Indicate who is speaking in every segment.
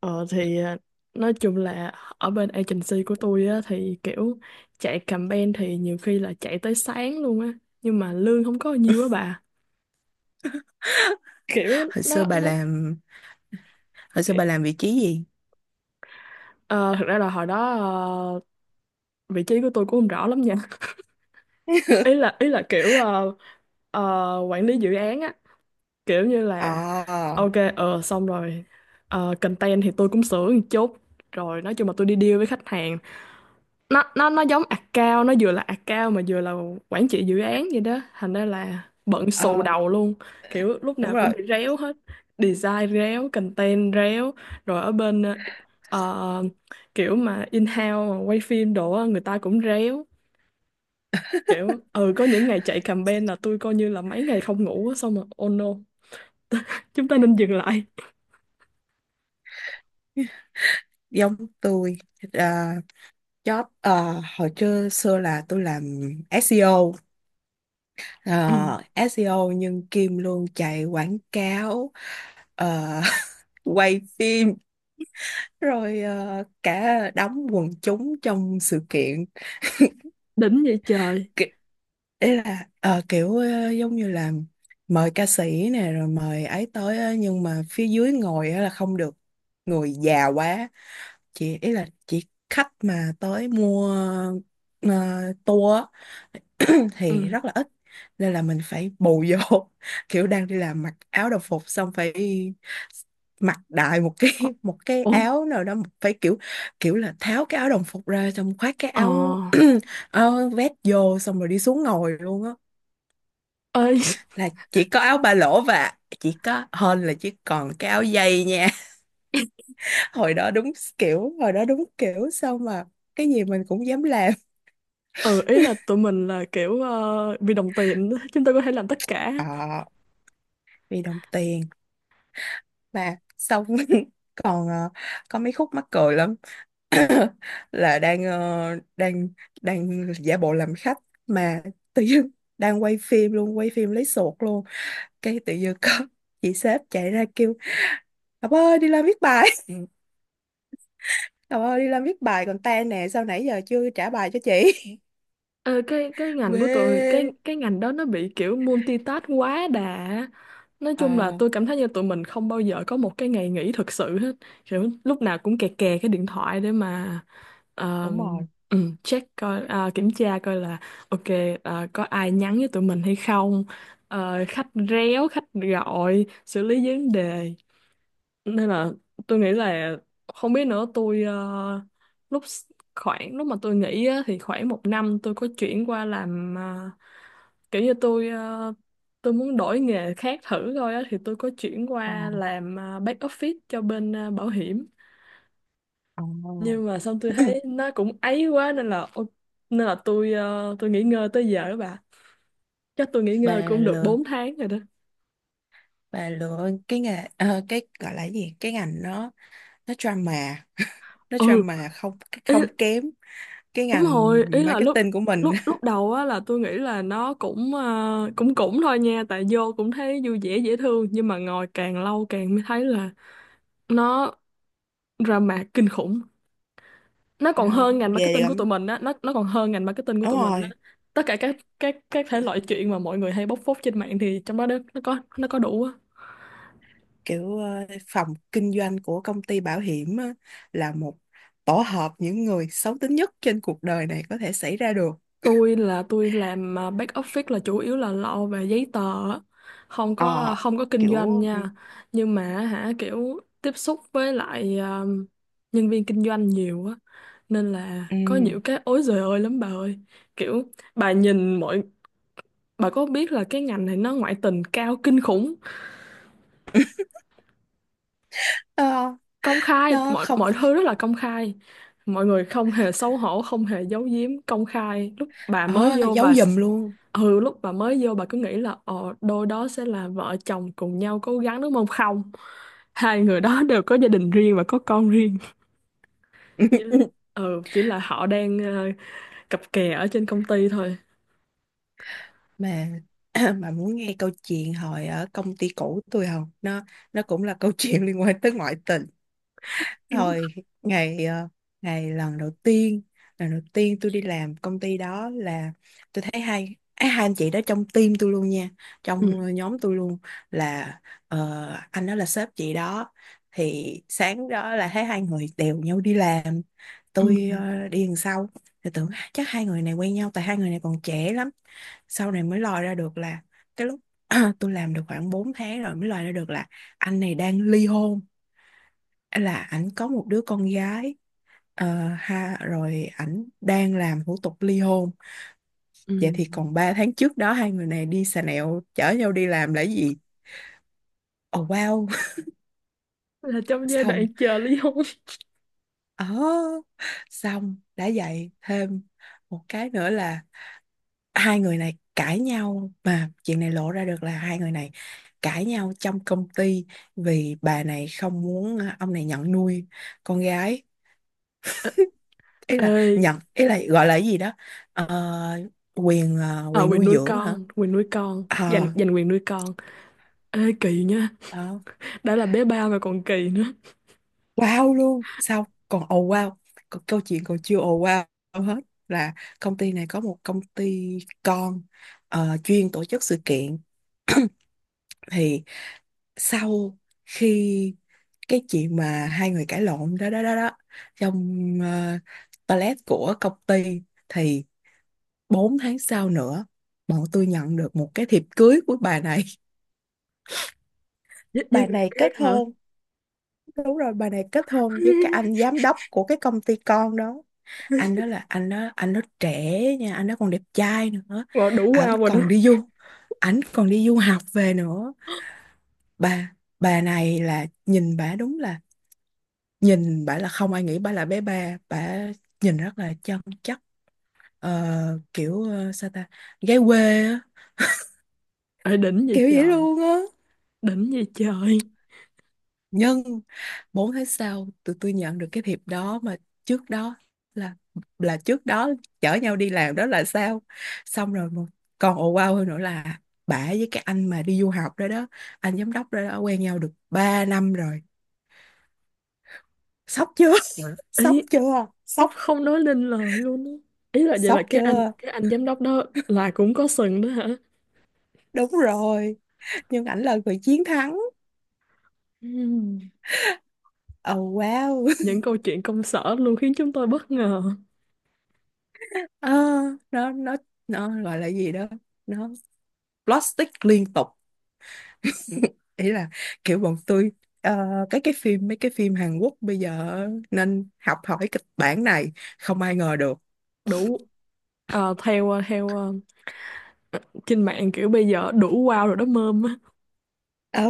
Speaker 1: Ờ thì à, nói chung là ở bên agency của tôi á thì kiểu chạy campaign thì nhiều khi là chạy tới sáng luôn á, nhưng mà lương không có nhiều á bà, kiểu
Speaker 2: Hồi xưa
Speaker 1: nó
Speaker 2: bà
Speaker 1: nó
Speaker 2: làm vị trí gì?
Speaker 1: Ờ, Thực ra là hồi đó vị trí của tôi cũng không rõ lắm nha. ý là ý là kiểu quản lý dự án á, kiểu như là
Speaker 2: ờ
Speaker 1: ok, xong rồi. Content thì tôi cũng sửa một chút, rồi nói chung là tôi đi deal với khách hàng. Nó giống account, nó vừa là account mà vừa là quản trị dự án vậy đó, thành ra là bận
Speaker 2: ờ,
Speaker 1: xù đầu luôn. Kiểu lúc
Speaker 2: đúng
Speaker 1: nào cũng
Speaker 2: rồi,
Speaker 1: bị réo hết, design réo, content réo, rồi ở bên ờ, kiểu mà in-house mà quay phim đồ á, người ta cũng réo. Kiểu ừ, có những ngày chạy campaign là tôi coi như là mấy ngày không ngủ á, xong rồi oh no, chúng ta nên dừng lại.
Speaker 2: giống tôi. à, Job hồi trưa xưa là tôi làm SEO,
Speaker 1: Ừ,
Speaker 2: à, SEO nhưng Kim luôn chạy quảng cáo, à, quay phim, rồi cả đóng quần chúng trong sự kiện.
Speaker 1: đỉnh vậy trời.
Speaker 2: Ki- Ý là giống như là mời ca sĩ nè, rồi mời ấy tới á, nhưng mà phía dưới ngồi á là không được, người già quá. Chị ý là chỉ khách mà tới mua uh, tour thì rất
Speaker 1: Ừ.
Speaker 2: là ít, nên là mình phải bù vô. Kiểu đang đi làm mặc áo đồng phục xong phải mặc đại một cái
Speaker 1: Ồ.
Speaker 2: một cái
Speaker 1: Ồ,
Speaker 2: áo nào đó, phải kiểu, kiểu là tháo cái áo đồng phục ra xong khoác cái
Speaker 1: ờ.
Speaker 2: áo áo vest vô, xong rồi đi xuống ngồi luôn á,
Speaker 1: Ê,
Speaker 2: là chỉ có áo ba lỗ và chỉ có hơn là chỉ còn cái áo dây nha. Hồi đó đúng, kiểu hồi đó đúng kiểu sao mà cái gì mình cũng dám làm.
Speaker 1: ừ, ý là tụi mình là kiểu vì đồng tiền chúng ta có thể làm tất cả.
Speaker 2: Ờ, vì đồng tiền, mà xong còn có mấy khúc mắc cười lắm. Là đang ờ, đang đang giả bộ làm khách mà tự dưng, đang quay phim luôn, quay phim lấy sột luôn, cái tự dưng có chị sếp chạy ra kêu: "Ngọc ơi, đi làm viết bài" "Ngọc ơi, đi làm viết bài còn tan nè, sao nãy giờ chưa trả bài cho chị?"
Speaker 1: Ờ, cái ngành của tụi cái
Speaker 2: Quê.
Speaker 1: cái ngành đó nó bị kiểu multitask quá đà. Nói chung là
Speaker 2: ờ
Speaker 1: tôi cảm thấy như tụi mình không bao giờ có một cái ngày nghỉ thực sự hết, kiểu lúc nào cũng kè kè cái điện thoại để mà ờ,
Speaker 2: Đúng rồi.
Speaker 1: ừ, check coi à, kiểm tra coi là ok, có ai nhắn với tụi mình hay không, khách réo, khách gọi, xử lý vấn đề. Nên là tôi nghĩ là không biết nữa, tôi khoảng lúc mà tôi nghỉ á, thì khoảng một năm tôi có chuyển qua làm kiểu như tôi tôi muốn đổi nghề khác thử thôi á, thì tôi có chuyển
Speaker 2: ờ
Speaker 1: qua làm back office cho bên bảo hiểm.
Speaker 2: ờ
Speaker 1: Nhưng mà xong tôi thấy nó cũng ấy quá nên là nên là tôi tôi nghỉ ngơi tới giờ đó bà. Chắc tôi nghỉ ngơi
Speaker 2: bà
Speaker 1: cũng được
Speaker 2: lừa,
Speaker 1: 4 tháng rồi đó.
Speaker 2: bà lừa cái nghề cái gọi là cái gì, cái ngành đó nó drama, nó
Speaker 1: Ừ.
Speaker 2: drama không, không kém cái
Speaker 1: Đúng
Speaker 2: ngành
Speaker 1: rồi, ý là lúc
Speaker 2: marketing của mình.
Speaker 1: lúc lúc đầu á là tôi nghĩ là nó cũng cũng cũng thôi nha, tại vô cũng thấy vui vẻ dễ thương, nhưng mà ngồi càng lâu càng mới thấy là nó drama kinh khủng. Nó còn
Speaker 2: Nó
Speaker 1: hơn ngành
Speaker 2: ghê
Speaker 1: marketing của tụi
Speaker 2: lắm,
Speaker 1: mình á, nó còn hơn ngành marketing của
Speaker 2: đúng
Speaker 1: tụi mình á.
Speaker 2: rồi.
Speaker 1: Tất cả các thể loại chuyện mà mọi người hay bóc phốt trên mạng thì trong đó nó có có đủ á.
Speaker 2: Kiểu phòng kinh doanh của công ty bảo hiểm á, là một tổ hợp những người xấu tính nhất trên cuộc đời này có thể xảy ra được.
Speaker 1: Tôi là tôi làm à, back office là chủ yếu là lo về giấy tờ á. Không có à,
Speaker 2: Ờ,
Speaker 1: không có kinh doanh
Speaker 2: kiểu,
Speaker 1: nha. Nhưng mà hả, kiểu tiếp xúc với lại à, nhân viên kinh doanh nhiều á, nên là có
Speaker 2: ừm,
Speaker 1: nhiều cái ối giời ơi lắm bà ơi. Kiểu bà nhìn mọi, bà có biết là cái ngành này nó ngoại tình cao kinh khủng,
Speaker 2: nó
Speaker 1: công khai,
Speaker 2: nó
Speaker 1: mọi
Speaker 2: không,
Speaker 1: mọi thứ rất là công khai. Mọi người không hề xấu hổ, không hề giấu giếm, công khai. Lúc bà mới
Speaker 2: ờ,
Speaker 1: vô
Speaker 2: giấu
Speaker 1: bà
Speaker 2: giùm luôn.
Speaker 1: ừ, lúc bà mới vô bà cứ nghĩ là ờ đôi đó sẽ là vợ chồng cùng nhau cố gắng đúng không. Không, hai người đó đều có gia đình riêng và có con riêng. chỉ, ừ, chỉ là họ đang cặp kè ở trên công ty thôi.
Speaker 2: Mà mà muốn nghe câu chuyện hồi ở công ty cũ tôi không, nó nó cũng là câu chuyện liên quan tới ngoại tình.
Speaker 1: Ừ.
Speaker 2: Rồi, ngày ngày lần đầu tiên, lần đầu tiên tôi đi làm công ty đó là tôi thấy hai á, hai anh chị đó trong team tôi luôn nha, trong nhóm tôi luôn, là ờ, anh đó là sếp chị đó. Thì sáng đó là thấy hai người đều nhau đi làm,
Speaker 1: Ừ.
Speaker 2: tôi đi đằng sau, thì tưởng chắc hai người này quen nhau tại hai người này còn trẻ lắm. Sau này mới lòi ra được là cái lúc tôi làm được khoảng 4 tháng rồi mới lòi ra được là anh này đang ly hôn, là ảnh có một đứa con gái, ờ, ha, rồi ảnh đang làm thủ tục ly hôn.
Speaker 1: Ừ,
Speaker 2: Vậy thì còn 3 tháng trước đó hai người này đi xà nẹo chở nhau đi làm là gì? Oh wow.
Speaker 1: là trong giai
Speaker 2: Xong,
Speaker 1: đoạn chờ ly hôn.
Speaker 2: ờ, xong đã vậy thêm một cái nữa là hai người này cãi nhau, mà chuyện này lộ ra được là hai người này cãi nhau trong công ty, vì bà này không muốn ông này nhận nuôi con gái. Ý là
Speaker 1: Ê.
Speaker 2: nhận, ý là gọi là cái gì đó. Ờ, quyền
Speaker 1: Ờ,
Speaker 2: quyền nuôi dưỡng hả.
Speaker 1: quyền nuôi con,
Speaker 2: Ờ,
Speaker 1: giành giành quyền nuôi con. Ê kỳ nha,
Speaker 2: ờ,
Speaker 1: đã là bé ba mà còn kỳ nữa.
Speaker 2: wow luôn, xong còn ồ wow, còn câu chuyện còn chưa ồ wow hết, là công ty này có một công ty con, chuyên tổ chức sự kiện. Thì sau khi cái chuyện mà hai người cãi lộn đó, đó đó đó trong toilet của công ty, thì 4 tháng sau nữa bọn tôi nhận được một cái thiệp cưới của bà này.
Speaker 1: Với
Speaker 2: Bà
Speaker 1: người
Speaker 2: này
Speaker 1: khác
Speaker 2: kết
Speaker 1: hả?
Speaker 2: hôn, đúng rồi, bà này kết hôn với cái anh giám đốc của cái công ty con đó. Anh đó, anh đó trẻ nha, anh đó còn đẹp trai nữa.
Speaker 1: Rồi đủ
Speaker 2: ảnh
Speaker 1: wow rồi đó.
Speaker 2: còn đi du Ảnh còn đi du học về nữa. Bà này là, nhìn bà đúng là, nhìn bà là không ai nghĩ bà là bé ba, bà nhìn rất là chân chất. Sao ta, gái quê á,
Speaker 1: Ê đỉnh vậy
Speaker 2: kiểu vậy
Speaker 1: trời,
Speaker 2: luôn á.
Speaker 1: đỉnh vậy trời.
Speaker 2: Nhân 4 tháng sau tụi tôi nhận được cái thiệp đó, mà trước đó là là trước đó chở nhau đi làm đó là sao? Xong rồi mà còn ồ wow hơn nữa là bả với cái anh mà đi du học đó đó, anh giám đốc đó, đó, quen nhau được 3 năm rồi. Sốc chưa? Ừ. Sốc
Speaker 1: Ý
Speaker 2: chưa?
Speaker 1: sắp
Speaker 2: Sốc,
Speaker 1: không nói lên lời luôn á. Ý là vậy là
Speaker 2: sốc chưa?
Speaker 1: cái anh giám đốc đó là cũng có sừng đó hả?
Speaker 2: Đúng rồi, nhưng ảnh là người chiến thắng.
Speaker 1: Ừm.
Speaker 2: Oh, wow.
Speaker 1: Những câu chuyện công sở luôn khiến chúng tôi bất ngờ.
Speaker 2: Ờ, nó nó gọi là gì đó, nó plastic liên tục. Ý là kiểu bọn tôi, ờ, cái phim mấy cái phim Hàn Quốc bây giờ nên học hỏi kịch bản này, không ai ngờ được.
Speaker 1: Đủ theo trên mạng kiểu bây giờ đủ wow rồi đó mơm á.
Speaker 2: Ừ,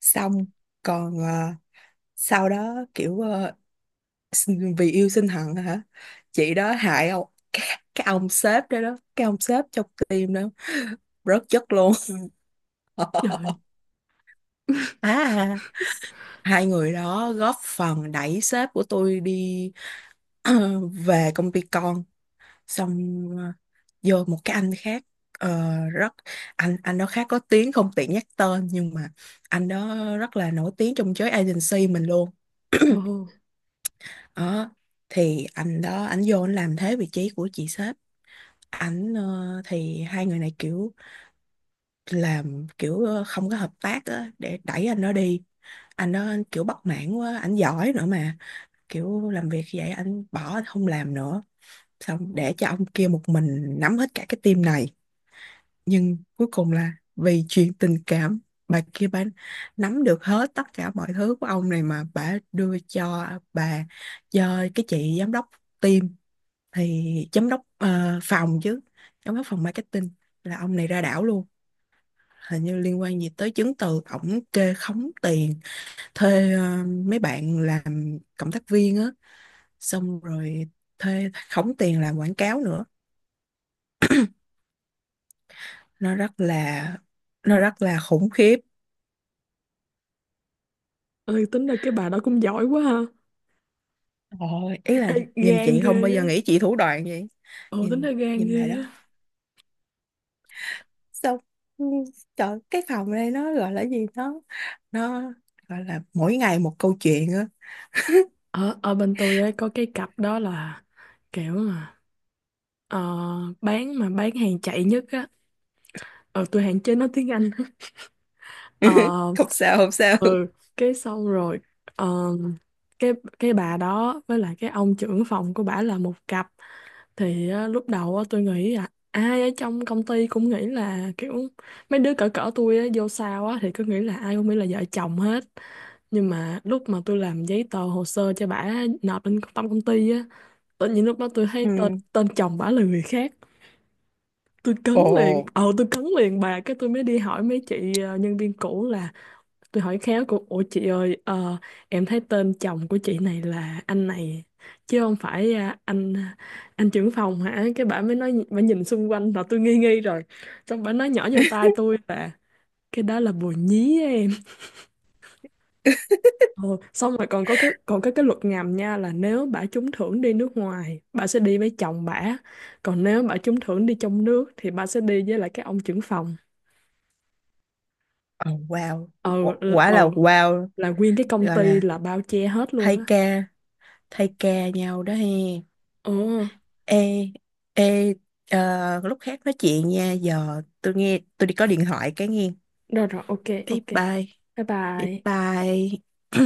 Speaker 2: xong còn sau đó kiểu, vì yêu sinh hận hả, chị đó hại ông cái ông sếp đó, đó cái ông sếp trong team đó rớt chất luôn.
Speaker 1: Trời.
Speaker 2: À, hai người đó góp phần đẩy sếp của tôi đi về công ty con. Xong vô một cái anh khác, ờ, rất anh đó khá có tiếng, không tiện nhắc tên, nhưng mà anh đó rất là nổi tiếng trong giới agency mình luôn.
Speaker 1: Ồ.
Speaker 2: Đó, thì anh đó, anh vô anh làm thế vị trí của chị sếp. Thì hai người này kiểu làm kiểu không có hợp tác á, để đẩy anh đó đi. Anh đó anh kiểu bất mãn quá, anh giỏi nữa mà, kiểu làm việc vậy anh bỏ, anh không làm nữa, xong để cho ông kia một mình nắm hết cả cái team này. Nhưng cuối cùng là vì chuyện tình cảm, bà kia bà nắm được hết tất cả mọi thứ của ông này, mà bà đưa cho bà, cho cái chị giám đốc team. Thì giám đốc phòng chứ, giám đốc phòng marketing, là ông này ra đảo luôn. Hình như liên quan gì tới chứng từ, ổng kê khống tiền thuê mấy bạn làm cộng tác viên á, xong rồi thuê khống tiền làm quảng cáo nữa. Nó rất là, nó rất là khủng khiếp.
Speaker 1: Ơi, tính ra cái bà đó cũng giỏi quá ha.
Speaker 2: Ôi, ý là
Speaker 1: Ê,
Speaker 2: nhìn
Speaker 1: gan
Speaker 2: chị
Speaker 1: ghê
Speaker 2: không bao
Speaker 1: á.
Speaker 2: giờ nghĩ chị thủ đoạn vậy.
Speaker 1: Ồ, tính
Speaker 2: Nhìn
Speaker 1: ra gan
Speaker 2: Nhìn bà
Speaker 1: ghê
Speaker 2: đó.
Speaker 1: á.
Speaker 2: Xong, ừ, trời, cái phòng này nó gọi là gì, nó gọi là mỗi ngày một câu chuyện á.
Speaker 1: Ở ở bên tôi ấy, có cái cặp đó là kiểu mà ờ, bán hàng chạy nhất á. Ờ, tôi hạn chế nói tiếng Anh. Ờ.
Speaker 2: Không sao, không sao.
Speaker 1: Ừ. Cái xong rồi ờ, cái cái bà đó với lại cái ông trưởng phòng của bà là một cặp. Thì á, lúc đầu á, tôi nghĩ là ai ở trong công ty cũng nghĩ là kiểu mấy đứa cỡ cỡ tôi á, vô sau á, thì cứ nghĩ là ai cũng nghĩ là vợ chồng hết. Nhưng mà lúc mà tôi làm giấy tờ hồ sơ cho bả nộp lên trong công ty á, tự nhiên lúc đó tôi thấy tên
Speaker 2: Ừ.
Speaker 1: tên chồng bả là người khác. Tôi cấn
Speaker 2: Ồ.
Speaker 1: liền, ờ tôi cấn liền bà, cái tôi mới đi hỏi mấy chị nhân viên cũ là. Tôi hỏi khéo của ủa chị ơi, em thấy tên chồng của chị này là anh này chứ không phải à, anh trưởng phòng hả, cái bà mới nói, bà nhìn xung quanh là tôi nghi nghi rồi, xong bà nói nhỏ vô tai tôi là cái đó là bồ nhí á em. Ồ, xong rồi còn có cái luật ngầm nha, là nếu bà trúng thưởng đi nước ngoài bà sẽ đi với chồng bà, còn nếu bà trúng thưởng đi trong nước thì bà sẽ đi với lại cái ông trưởng phòng.
Speaker 2: Ồ, wow.
Speaker 1: Ờ. Ừ,
Speaker 2: Quả
Speaker 1: ờ,
Speaker 2: là wow.
Speaker 1: là nguyên cái công
Speaker 2: Gọi
Speaker 1: ty
Speaker 2: là
Speaker 1: là bao che hết luôn
Speaker 2: thay
Speaker 1: á.
Speaker 2: ca, thay ca nhau đó he.
Speaker 1: Ờ.
Speaker 2: Ê, ê, ờ, lúc khác nói chuyện nha. Giờ tôi nghe, tôi đi có điện thoại cái nghe.
Speaker 1: Được rồi, ok,
Speaker 2: Bye
Speaker 1: ok.
Speaker 2: bye.
Speaker 1: Bye
Speaker 2: Bye
Speaker 1: bye.
Speaker 2: bye.